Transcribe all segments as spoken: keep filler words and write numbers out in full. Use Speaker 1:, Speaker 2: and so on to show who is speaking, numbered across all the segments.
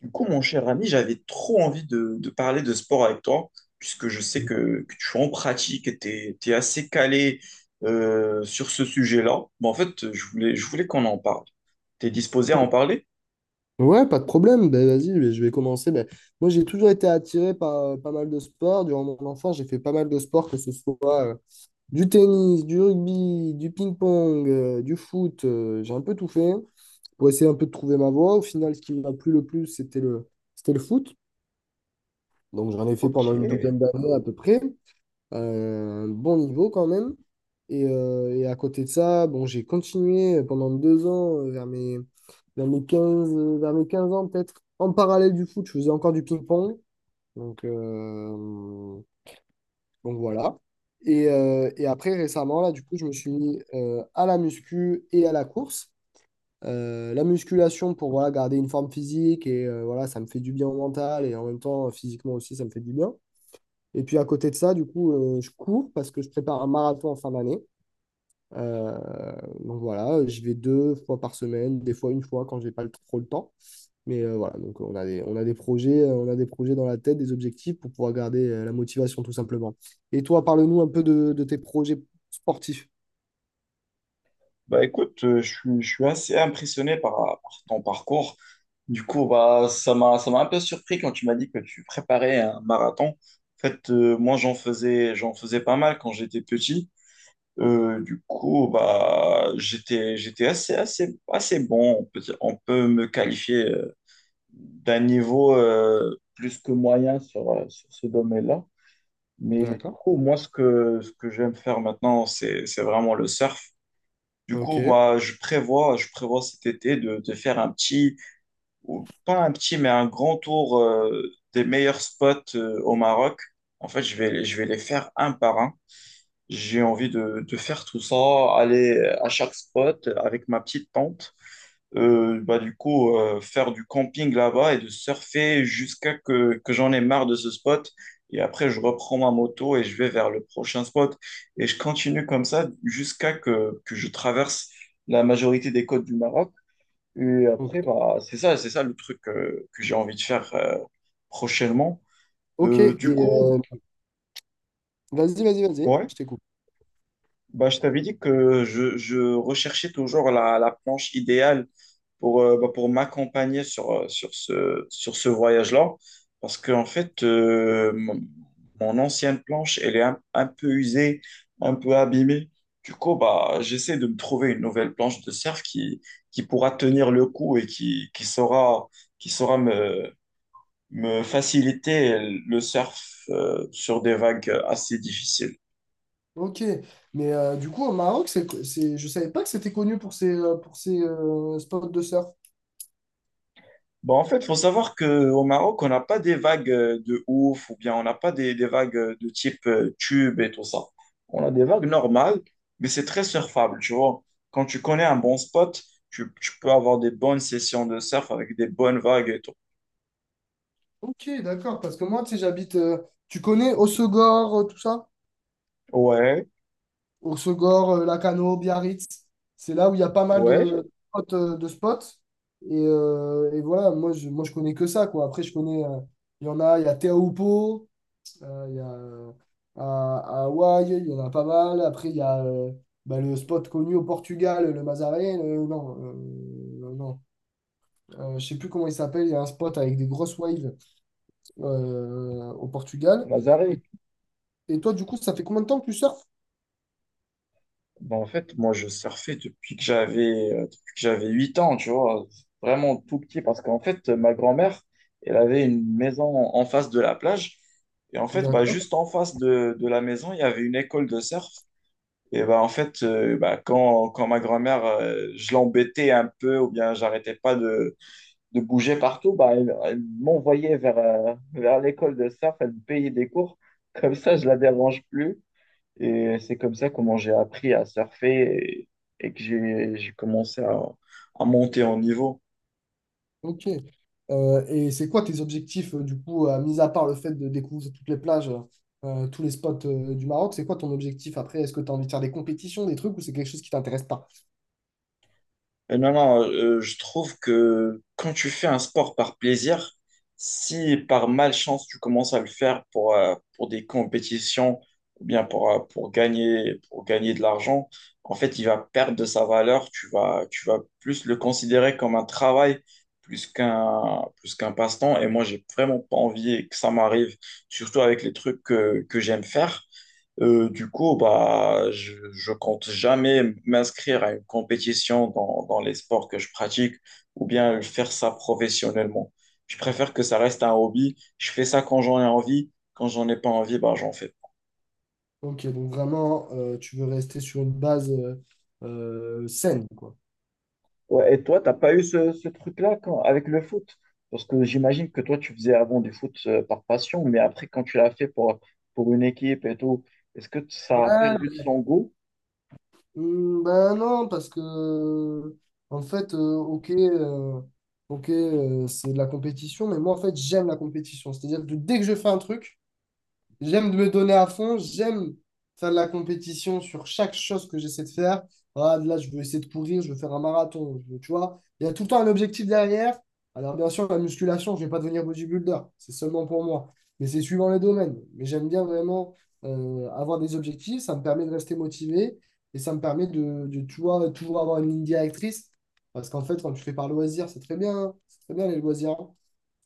Speaker 1: Du coup, mon cher ami, j'avais trop envie de, de parler de sport avec toi, puisque je sais que, que tu en pratiques et tu es assez calé euh, sur ce sujet-là. Mais en fait, je voulais, je voulais qu'on en parle. T'es disposé à en parler?
Speaker 2: Ouais, pas de problème. Ben, vas-y, mais je vais commencer. Ben, moi, j'ai toujours été attiré par euh, pas mal de sports. Durant mon enfance, j'ai fait pas mal de sports, que ce soit euh, du tennis, du rugby, du ping-pong, euh, du foot. Euh, j'ai un peu tout fait pour essayer un peu de trouver ma voie. Au final, ce qui m'a plu le plus, c'était le, c'était le foot. Donc, j'en ai fait pendant
Speaker 1: Ok.
Speaker 2: une douzaine d'années à peu près. Euh, un bon niveau quand même. Et, euh, et à côté de ça, bon, j'ai continué pendant deux ans, euh, vers mes, vers mes quinze euh, vers mes quinze ans peut-être. En parallèle du foot, je faisais encore du ping-pong. Donc, euh, donc voilà. Et, euh, et après, récemment, là, du coup, je me suis mis euh, à la muscu et à la course. Euh, la musculation pour voilà, garder une forme physique et euh, voilà, ça me fait du bien au mental et en même temps, physiquement aussi, ça me fait du bien. Et puis à côté de ça, du coup, euh, je cours parce que je prépare un marathon en fin d'année. Euh, donc voilà, j'y vais deux fois par semaine, des fois une fois quand j'ai pas le- trop le temps. Mais euh, voilà, donc on a des, on a des projets, euh, on a des projets dans la tête, des objectifs pour pouvoir garder euh, la motivation tout simplement. Et toi, parle-nous un peu de, de tes projets sportifs.
Speaker 1: Bah écoute, euh, je, suis- je suis assez impressionné par par ton parcours. Du coup, bah, ça m'a, ça m'a un peu surpris quand tu m'as dit que tu préparais un marathon. En fait, euh, moi, j'en faisais, j'en faisais pas mal quand j'étais petit. Euh, du coup, bah, j'étais, j'étais assez, assez, assez bon. On peut, dire- on peut me qualifier euh, d'un niveau euh, plus que moyen sur, euh, sur ce domaine-là. Mais du
Speaker 2: D'accord.
Speaker 1: coup, moi, ce que, ce que j'aime faire maintenant, c'est, c'est vraiment le surf. Du
Speaker 2: Ok.
Speaker 1: coup, moi, je prévois, je prévois cet été de, de faire un petit, ou pas un petit, mais un grand tour euh, des meilleurs spots euh, au Maroc. En fait, je vais, je vais les faire un par un. J'ai envie de, de faire tout ça, aller à chaque spot avec ma petite tente. Euh, bah, du coup, euh, faire du camping là-bas et de surfer jusqu'à que, que j'en ai marre de ce spot. Et après, je reprends ma moto et je vais vers le prochain spot. Et je continue comme ça jusqu'à que, que je traverse la majorité des côtes du Maroc. Et
Speaker 2: Ok.
Speaker 1: après, bah, c'est ça, c'est ça le truc euh, que j'ai envie de faire euh, prochainement.
Speaker 2: Ok.
Speaker 1: Euh,
Speaker 2: Et
Speaker 1: du coup,
Speaker 2: euh, vas-y, vas-y, vas-y,
Speaker 1: ouais.
Speaker 2: je t'écoute.
Speaker 1: Bah, je t'avais dit que je, je recherchais toujours la, la planche idéale pour, euh, bah, pour m'accompagner sur, euh, sur ce, sur ce voyage-là. Parce qu'en fait, euh, mon mon ancienne planche, elle est un, un peu usée, un peu abîmée. Du coup, bah, j'essaie de me trouver une nouvelle planche de surf qui, qui pourra tenir le coup et qui, qui saura, qui saura me, me faciliter le surf, euh, sur des vagues assez difficiles.
Speaker 2: Ok, mais euh, du coup au Maroc, c'est, c'est, je savais pas que c'était connu pour ses, euh, pour ses euh, spots de surf.
Speaker 1: Bon, en fait, il faut savoir qu'au Maroc, on n'a pas des vagues euh, de ouf ou bien on n'a pas des, des vagues euh, de type euh, tube et tout ça. On a des vagues normales, mais c'est très surfable, tu vois. Quand tu connais un bon spot, tu, tu peux avoir des bonnes sessions de surf avec des bonnes vagues et tout.
Speaker 2: Ok, d'accord, parce que moi, tu sais, j'habite. Euh, tu connais Hossegor, euh, tout ça?
Speaker 1: Ouais,
Speaker 2: Hossegor, euh, Lacano, Biarritz. C'est là où il y a pas mal de
Speaker 1: ouais,
Speaker 2: spots. euh, de spots. Et, euh, et voilà, moi je, moi, je connais que ça, quoi. Après, je connais. euh, Il y en a, il y a Teahupo'o, euh, il y a euh, à, à Hawaï, il y en a pas mal. Après, il y a euh, bah, le spot connu au Portugal, le Mazaré. Le- non, euh, non. Euh, je sais plus comment il s'appelle. Il y a un spot avec des grosses waves euh, au Portugal.
Speaker 1: Mazaré.
Speaker 2: Et toi, du coup, ça fait combien de temps que tu surfes?
Speaker 1: Bah, en fait, moi, je surfais depuis que j'avais euh, depuis que j'avais huit ans, tu vois, vraiment tout petit, parce qu'en fait, ma grand-mère, elle avait une maison en en face de la plage. Et en fait, bah,
Speaker 2: D'accord,
Speaker 1: juste en face de, de la maison, il y avait une école de surf. Et bah, en fait, euh, bah, quand, quand ma grand-mère, euh, je l'embêtais un peu, ou bien j'arrêtais pas de, de bouger partout, bah, elle, elle m'envoyait vers, euh, vers l'école de surf, elle me payait des cours. Comme ça, je la dérange plus. Et c'est comme ça comment j'ai appris à surfer et, et que j'ai j'ai commencé à, à monter en niveau.
Speaker 2: ok. Euh, et c'est quoi tes objectifs, euh, du coup, euh, mis à part le fait de découvrir toutes les plages, euh, euh, tous les spots euh, du Maroc, c'est quoi ton objectif après? Est-ce que tu as envie de faire des compétitions, des trucs, ou c'est quelque chose qui t'intéresse pas?
Speaker 1: Euh, Non, non, euh, je trouve que quand tu fais un sport par plaisir, si par malchance tu commences à le faire pour, euh, pour des compétitions ou bien pour, euh, pour gagner, pour gagner de l'argent, en fait, il va perdre de sa valeur. Tu vas, tu vas plus le considérer comme un travail plus qu'un plus qu'un passe-temps. Et moi, j'ai vraiment pas envie que ça m'arrive, surtout avec les trucs que, que j'aime faire. Euh, du coup, bah, je, je compte jamais m'inscrire à une compétition dans, dans les sports que je pratique ou bien faire ça professionnellement. Je préfère que ça reste un hobby. Je fais ça quand j'en ai envie. Quand j'en ai pas envie, bah, j'en fais pas.
Speaker 2: Ok, donc vraiment, euh, tu veux rester sur une base euh, euh, saine, quoi.
Speaker 1: Ouais, et toi, t'as pas eu ce, ce truc-là quand- avec le foot? Parce que j'imagine que toi, tu faisais avant du foot euh, par passion, mais après, quand tu l'as fait pour, pour une équipe et tout, est-ce que ça a
Speaker 2: Ouais,
Speaker 1: perdu de son goût?
Speaker 2: hmm, ben non, parce que en fait, euh, ok, euh, ok, euh, c'est de la compétition, mais moi en fait j'aime la compétition. C'est-à-dire que dès que je fais un truc, j'aime me donner à fond, j'aime faire de la compétition sur chaque chose que j'essaie de faire. Ah, là, je veux essayer de courir, je veux faire un marathon, je veux- tu vois. Il y a tout le temps un objectif derrière. Alors, bien sûr, la musculation, je ne vais pas devenir bodybuilder, c'est seulement pour moi. Mais c'est suivant les domaines. Mais j'aime bien vraiment euh, avoir des objectifs, ça me permet de rester motivé et ça me permet de, de, tu vois, toujours avoir une ligne directrice. Parce qu'en fait, quand tu fais par loisir, c'est très bien, hein. C'est très bien les loisirs.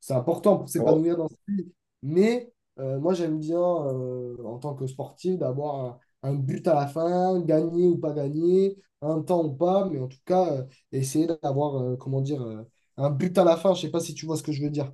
Speaker 2: C'est important pour s'épanouir dans sa vie. Mais euh, moi, j'aime bien, euh, en tant que sportif, d'avoir un, un but à la fin, gagner ou pas gagner, un temps ou pas, mais en tout cas, euh, essayer d'avoir, euh, comment dire, euh, un but à la fin. Je sais pas si tu vois ce que je veux dire.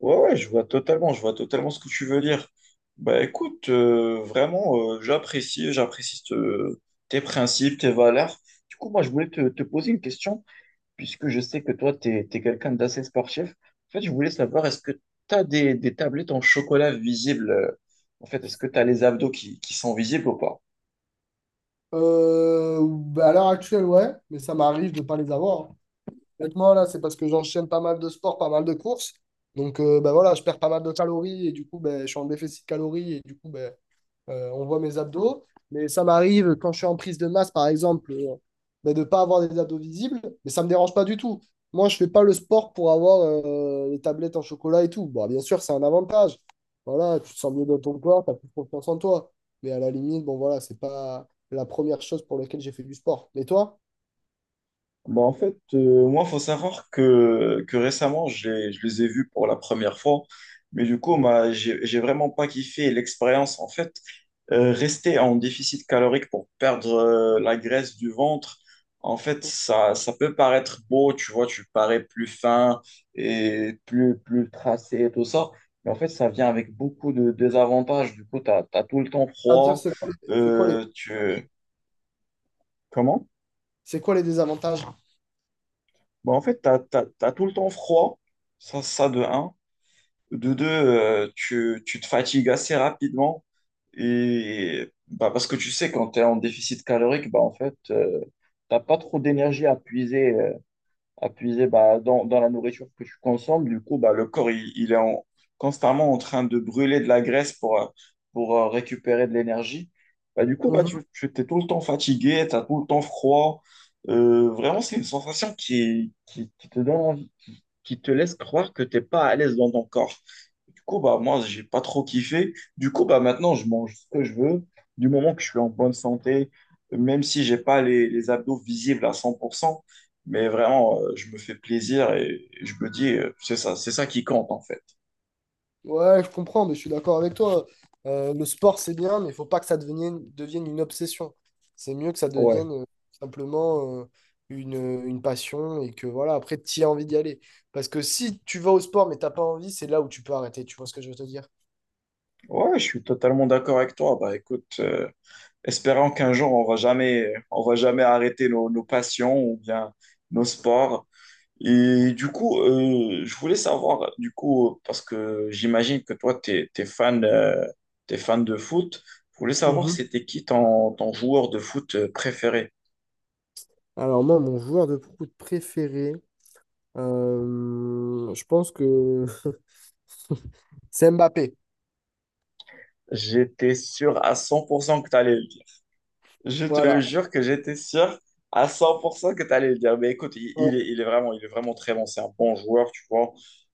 Speaker 1: Ouais, ouais, je vois totalement, je vois totalement ce que tu veux dire. Bah écoute, euh, vraiment, euh, j'apprécie, j'apprécie te- tes principes, tes valeurs. Du coup, moi, je voulais te, te poser une question, puisque je sais que toi, tu es quelqu'un d'assez sportif. En fait, je voulais savoir, est-ce que tu as des, des tablettes en chocolat visibles? euh, En fait, est-ce que tu as les abdos qui, qui sont visibles ou pas?
Speaker 2: Euh, bah, à l'heure actuelle, ouais, mais ça m'arrive de pas les avoir. Honnêtement, là, c'est parce que j'enchaîne pas mal de sports, pas mal de courses. Donc, euh, bah, voilà, je perds pas mal de calories et du coup, ben je suis en déficit de calories et du coup, ben Euh, on voit mes abdos, mais ça m'arrive quand je suis en prise de masse, par exemple, euh, ben, de ne pas avoir des abdos visibles, mais ça ne me dérange pas du tout. Moi, je ne fais pas le sport pour avoir euh, les tablettes en chocolat et tout. Bon, bien sûr, c'est un avantage. Voilà, tu te sens mieux dans ton corps, tu as plus confiance en toi. Mais à la limite, bon, voilà, c'est pas la première chose pour laquelle j'ai fait du sport. Mais toi,
Speaker 1: Bah, en fait, euh, moi, il faut savoir que, que récemment, je les, je les ai vus pour la première fois, mais du coup,
Speaker 2: bon.
Speaker 1: bah, j'ai, j'ai vraiment pas kiffé l'expérience. En fait, euh, rester en déficit calorique pour perdre euh, la graisse du ventre, en fait, ça, ça peut paraître beau, tu vois, tu parais plus fin et plus, plus tracé et tout ça, mais en fait, ça vient avec beaucoup de désavantages. Du coup, tu as tout le temps
Speaker 2: À dire
Speaker 1: froid.
Speaker 2: c'est quoi, les- c'est quoi, les-
Speaker 1: euh, tu... Comment?
Speaker 2: C'est quoi les désavantages?
Speaker 1: Bah, en fait, tu as tout le temps froid, ça, ça de un. De deux, euh, tu, tu te fatigues assez rapidement. Et bah, parce que tu sais, quand tu es en déficit calorique, bah, en fait, tu n'as pas trop d'énergie à puiser euh, appuyer bah, dans, dans la nourriture que tu consommes. Du coup, bah, le corps, il, il est en- constamment en train de brûler de la graisse pour, euh, pour euh, récupérer de l'énergie. Bah, du coup, bah, tu, tu es tout le temps fatigué, tu as tout le temps froid. Euh, vraiment, c'est une sensation qui, qui, qui te donne envie, qui te laisse croire que tu n'es pas à l'aise dans ton corps. Du coup, bah, moi, j'ai pas trop kiffé. Du coup, bah, maintenant, je mange ce que je veux. Du moment que je suis en bonne santé, même si j'ai pas les, les abdos visibles à cent pour cent, mais vraiment, euh, je me fais plaisir et, et je me dis, euh, c'est ça, c'est ça qui compte, en fait.
Speaker 2: Ouais, je comprends, mais je suis d'accord avec toi. Euh, le sport, c'est bien, mais il faut pas que ça devienne, devienne une obsession. C'est mieux que ça
Speaker 1: Ouais.
Speaker 2: devienne euh, simplement euh, une, une passion et que voilà, après, tu as envie d'y aller. Parce que si tu vas au sport, mais t'as pas envie, c'est là où tu peux arrêter. Tu vois ce que je veux te dire?
Speaker 1: Ouais, je suis totalement d'accord avec toi. Bah, écoute, euh, espérons qu'un jour, on va jamais, on va jamais arrêter nos, nos passions ou bien nos sports. Et du coup, euh, je voulais savoir, du coup, euh, parce que j'imagine que toi, t'es, t'es fan, euh, t'es fan de foot, je voulais savoir
Speaker 2: Mhm.
Speaker 1: c'était qui ton, ton joueur de foot euh, préféré.
Speaker 2: Alors moi, mon joueur de foot préféré, euh, je pense que c'est Mbappé.
Speaker 1: J'étais sûr à cent pour cent que t'allais le dire. Je te le
Speaker 2: Voilà.
Speaker 1: jure que j'étais sûr à cent pour cent que t'allais le dire. Mais écoute, il, il
Speaker 2: Ouais.
Speaker 1: est, il est vraiment, il est vraiment très bon. C'est un bon joueur, tu vois.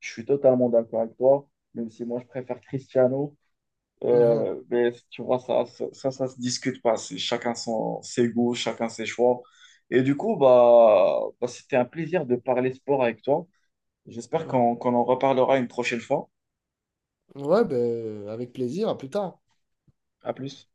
Speaker 1: Je suis totalement d'accord avec toi, même si moi, je préfère Cristiano.
Speaker 2: Mhm.
Speaker 1: Euh, mais tu vois, ça, ça, ça, ça se discute pas. C'est chacun son, ses goûts, chacun ses choix. Et du coup, bah, bah, c'était un plaisir de parler sport avec toi. J'espère qu'on qu'on en reparlera une prochaine fois.
Speaker 2: Ouais, ben, avec plaisir, à plus tard.
Speaker 1: À plus.